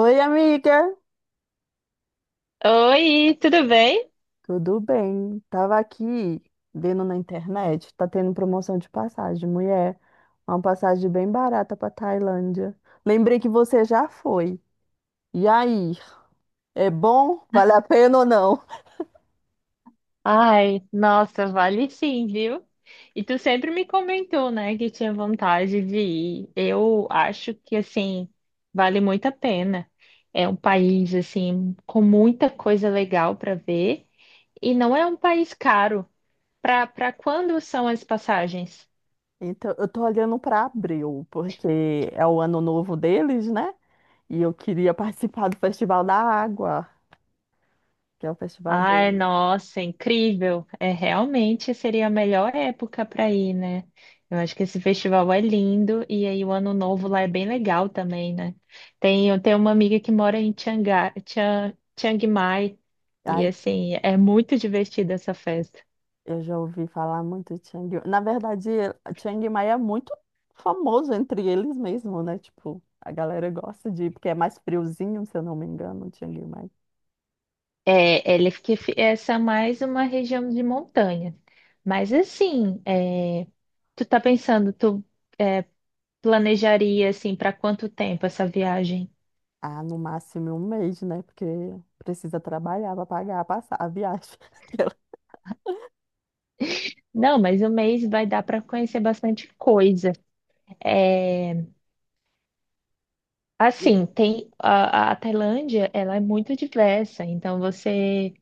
Oi, amiga, Oi, tudo bem? tudo bem? Tava aqui vendo na internet, tá tendo promoção de passagem, mulher, uma passagem bem barata pra Tailândia. Lembrei que você já foi. E aí, é bom? Vale a pena ou não? Ai, nossa, vale sim, viu? E tu sempre me comentou, né, que tinha vontade de ir. Eu acho que, assim, vale muito a pena. É um país, assim, com muita coisa legal para ver e não é um país caro. Para quando são as passagens? Então, eu tô olhando pra abril, porque é o ano novo deles, né? E eu queria participar do Festival da Água, que é o festival Ai, deles. nossa, incrível. É realmente seria a melhor época para ir, né? Eu acho que esse festival é lindo e aí o ano novo lá é bem legal também, né? Tem, eu tenho uma amiga que mora em Chiang Mai e Ai, assim, é muito divertida essa festa. eu já ouvi falar muito de Chiang Mai. Na verdade, Chiang Mai é muito famoso entre eles mesmo, né? Tipo, a galera gosta de ir, porque é mais friozinho, se eu não me engano, Chiang Mai. É, essa é mais uma região de montanha. Mas assim, tu tá pensando, tu é, planejaria assim para quanto tempo essa viagem? Ah, no máximo um mês, né? Porque precisa trabalhar para pagar a a viagem. Aquela- Não, mas um mês vai dar para conhecer bastante coisa. É, Eu assim, tem a Tailândia, ela é muito diversa, então você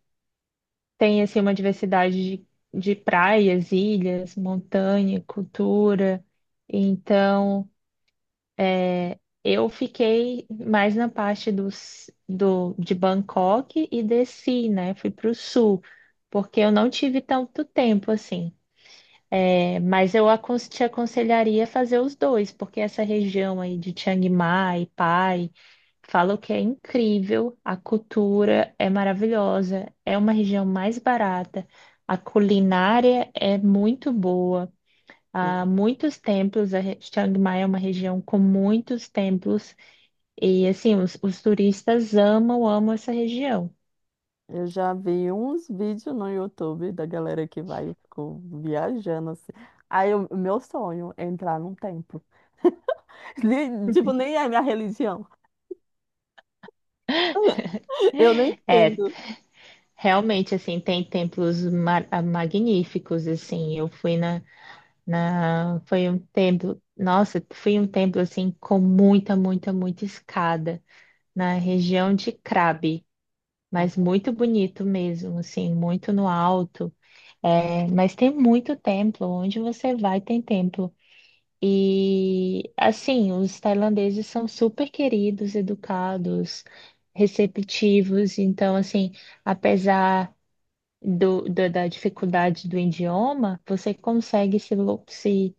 tem assim uma diversidade de praias, ilhas, montanha, cultura. Então, eu fiquei mais na parte de Bangkok e desci, né? Fui para o sul, porque eu não tive tanto tempo assim. É, mas eu te aconselharia a fazer os dois, porque essa região aí de Chiang Mai, Pai, falam que é incrível, a cultura é maravilhosa, é uma região mais barata, a culinária é muito boa, há sim. muitos templos, Chiang Mai é uma região com muitos templos, e assim, os turistas amam, amam essa região. Eu já vi uns vídeos no YouTube da galera que vai e ficou viajando assim. Aí, o meu sonho é entrar num templo. Nem- Tipo, nem é minha religião. Eu não É, entendo. realmente, assim, tem templos magníficos, assim, eu fui foi um tempo, nossa, foi um templo assim com muita, muita, muita escada na região de Krabi, mas muito bonito mesmo, assim, muito no alto. É, mas tem muito templo, onde você vai tem templo. E assim, os tailandeses são super queridos, educados, receptivos, então assim, apesar da dificuldade do idioma, você consegue se, lo- se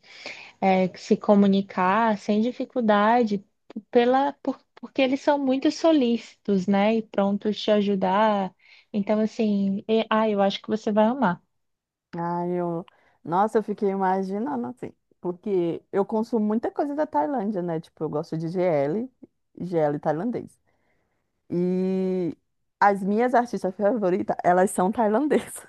é, se comunicar sem dificuldade, porque eles são muito solícitos, né? E prontos te ajudar. Então, assim, eu acho que você vai amar. Ah, eu... Nossa, eu fiquei imaginando assim, porque eu consumo muita coisa da Tailândia, né? Tipo, eu gosto de GL, GL tailandês. E as minhas artistas favoritas, elas são tailandesas.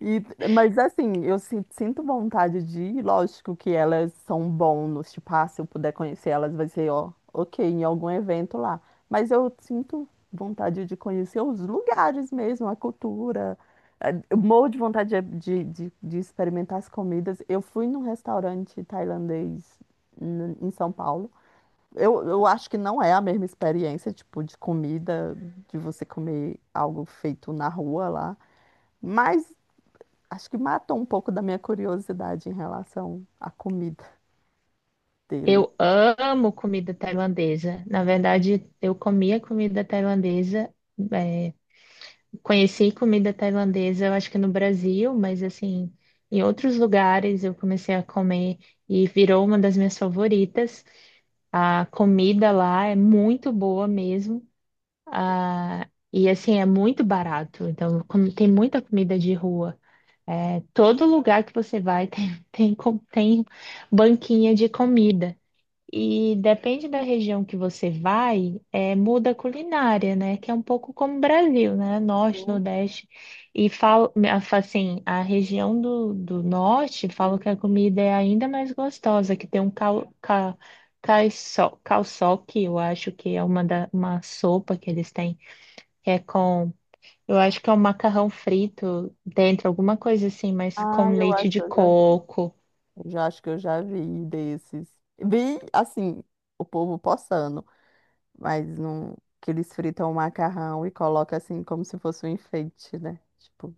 E, mas assim, sinto vontade de ir, lógico que elas são bônus, tipo, ah, se eu puder conhecer elas, vai ser, ó, ok, em algum evento lá. Mas eu sinto vontade de conhecer os lugares mesmo, a cultura. Eu morro de vontade de experimentar as comidas. Eu fui num restaurante tailandês em São Paulo. Eu acho que não é a mesma experiência, tipo, de comida, de você comer algo feito na rua lá. Mas acho que matou um pouco da minha curiosidade em relação à comida dele. Eu amo comida tailandesa. Na verdade, eu comia comida tailandesa, é, conheci comida tailandesa, eu acho que no Brasil, mas assim, em outros lugares eu comecei a comer e virou uma das minhas favoritas. A comida lá é muito boa mesmo. Ah, e assim, é muito barato. Então, como tem muita comida de rua. É, todo lugar que você vai tem banquinha de comida. E depende da região que você vai, muda a culinária, né? Que é um pouco como o Brasil, né? Norte, Não, Nordeste. E falo, assim, a região do Norte, falo que a comida é ainda mais gostosa, que tem um Calçoque, eu acho que é uma sopa que eles têm que é com, eu acho que é um macarrão frito dentro, alguma coisa assim, mas com ah, leite de coco, eu já acho que eu já vi desses. Vi, assim, o povo postando, mas não, que eles fritam o macarrão e colocam assim como se fosse um enfeite, né? Tipo,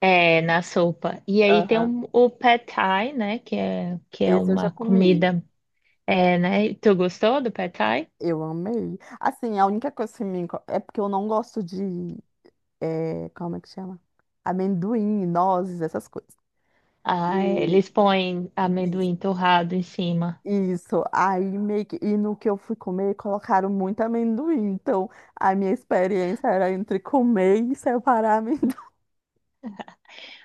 na sopa. E aí tem aham. O pad thai, né, que é Esse eu já uma comi. comida. Né, tu gostou do pad thai? Eu amei. Assim, a única coisa que é porque eu não gosto de, é, como é que chama? Amendoim, nozes, essas coisas. Ah, é, E, eles põem amendoim torrado em cima. isso, aí meio que, e no que eu fui comer, colocaram muito amendoim. Então, a minha experiência era entre comer e separar amendoim.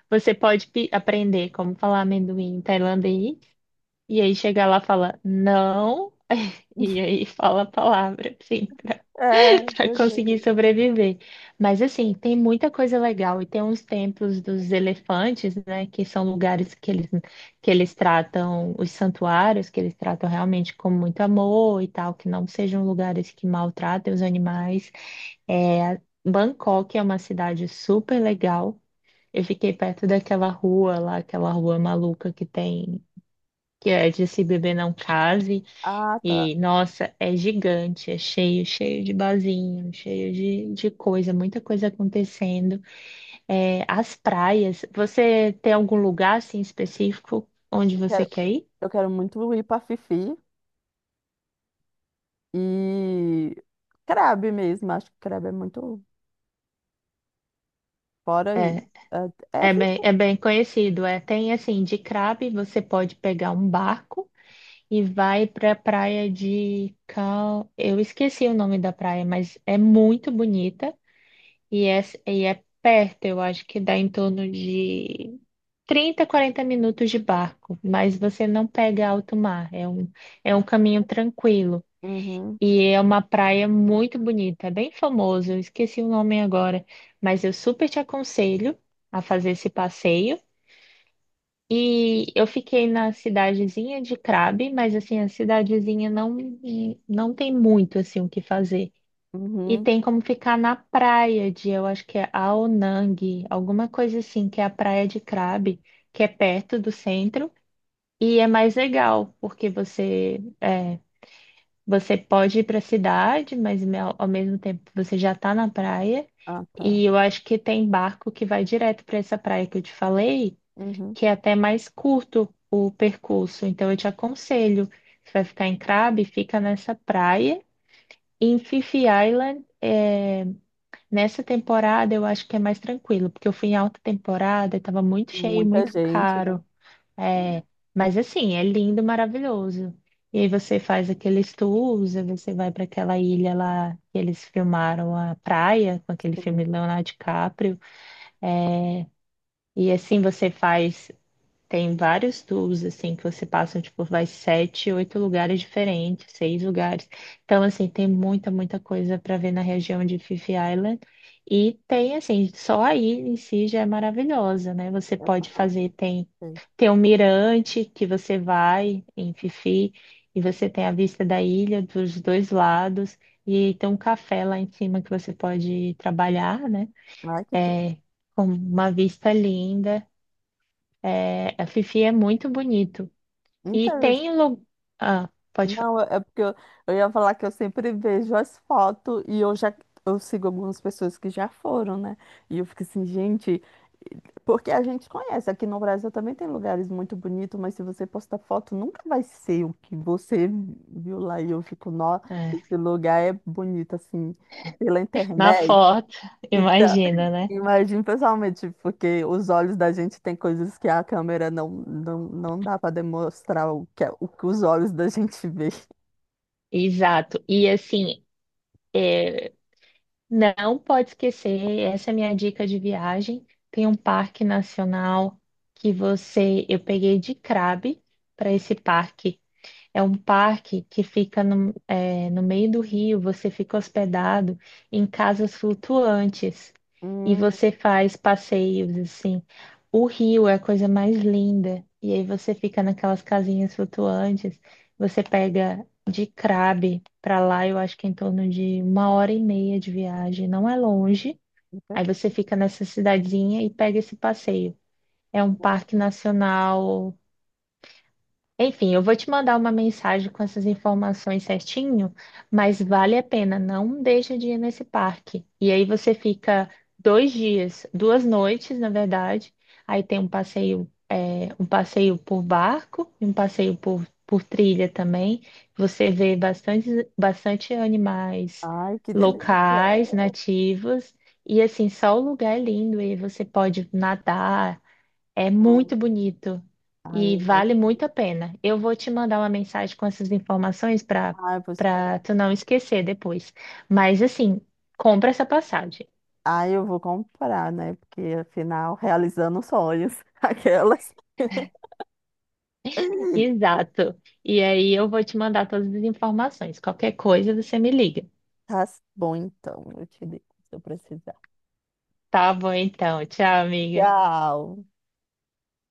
Você pode aprender como falar amendoim em tailandês. E aí chega lá e fala não, e aí fala a palavra, assim, pra, É, pra pois conseguir é. sobreviver. Mas assim, tem muita coisa legal e tem uns templos dos elefantes, né, que são lugares que eles tratam, os santuários, que eles tratam realmente com muito amor e tal, que não sejam lugares que maltratem os animais. É, Bangkok é uma cidade super legal. Eu fiquei perto daquela rua lá, aquela rua maluca que tem que é de se beber não case, Ah, tá. e nossa, é gigante, é cheio, cheio de barzinho, cheio de coisa, muita coisa acontecendo. É, as praias, você tem algum lugar assim específico onde Eu você quero, quer ir? eu quero muito ir pra Fifi e Crabe mesmo. Acho que Crabe é muito fora aí. É, É, é é bem, Fifi. é bem conhecido. É, tem assim, de Crabe você pode pegar um barco e vai para a praia. Eu esqueci o nome da praia, mas é muito bonita. E é, e é perto, eu acho que dá em torno de 30, 40 minutos de barco, mas você não pega alto mar, é um caminho tranquilo. Uhum, E é uma praia muito bonita, é bem famoso, eu esqueci o nome agora, mas eu super te aconselho a fazer esse passeio. E eu fiquei na cidadezinha de Crabe, mas assim, a cidadezinha não tem muito assim o que fazer. E uhum. tem como ficar na praia de, eu acho que é Aonang, alguma coisa assim, que é a praia de Krabi, que é perto do centro, e é mais legal, porque você pode ir para a cidade, mas ao mesmo tempo você já está na praia, Ah, tá. e eu acho que tem barco que vai direto para essa praia que eu te falei, Uhum. que é até mais curto o percurso, então eu te aconselho, você vai ficar em Krabi, fica nessa praia, e em Fifi Island, nessa temporada eu acho que é mais tranquilo, porque eu fui em alta temporada e tava muito cheio, e Muita muito gente, né? caro. É, mas assim, é lindo, maravilhoso. E aí você faz aqueles tours, aí você vai para aquela ilha lá que eles filmaram a praia, com aquele filme Sim. Leonardo DiCaprio. E assim você faz tem vários tours, assim, que você passa, tipo, vai 7, 8 lugares diferentes, 6 lugares. Então, assim, tem muita, muita coisa para ver na região de Fifi Island. E tem, assim, só aí em si já é maravilhosa, né? Você pode Aham, fazer, tem, sei. tem um mirante que você vai em Fifi e você tem a vista da ilha dos dois lados. E tem um café lá em cima que você pode trabalhar, né? Ai, que tudo. É, com uma vista linda. É, a Fifi é muito bonito. E Então tem lugar. Ah, pode falar. não, é porque eu ia falar que eu sempre vejo as fotos e eu sigo algumas pessoas que já foram, né? E eu fico assim, gente, porque a gente conhece, aqui no Brasil também tem lugares muito bonitos, mas se você postar foto, nunca vai ser o que você viu lá. E eu fico, nossa, É, esse lugar é bonito assim, pela na internet. foto, Então, imagina, né? imagino pessoalmente, porque os olhos da gente tem coisas que a câmera não dá para demonstrar o que, o que os olhos da gente vê. Exato. E assim, não pode esquecer, essa é a minha dica de viagem. Tem um parque nacional que você. Eu peguei de Crabe para esse parque. É um parque que fica no meio do rio, você fica hospedado em casas flutuantes e Hum, você faz passeios assim. O rio é a coisa mais linda, e aí você fica naquelas casinhas flutuantes, você pega de Crabe para lá, eu acho que é em torno de uma hora e meia de viagem, não é longe. Aí você fica nessa cidadezinha e pega esse passeio. É um parque nacional. Enfim, eu vou te mandar uma mensagem com essas informações certinho, mas vale a pena, não deixa de ir nesse parque. E aí você fica 2 dias, 2 noites, na verdade. Aí tem um passeio, um passeio por barco e um passeio por trilha também. Você vê bastante, bastante animais Ai, que delícia. locais, nativos, e assim, só o lugar é lindo, e aí você pode nadar. É muito bonito Ai, eu e vale imagino. muito a pena. Eu vou te mandar uma mensagem com essas informações para Ai, eu vou para esperar. tu não esquecer depois. Mas assim, compra essa passagem. Ai, eu vou comprar, né? Porque afinal, realizando sonhos, aquelas. Exato. E aí eu vou te mandar todas as informações. Qualquer coisa você me liga. Tá bom, então, eu te digo se eu precisar. Tá bom então. Tchau, amiga. Tchau.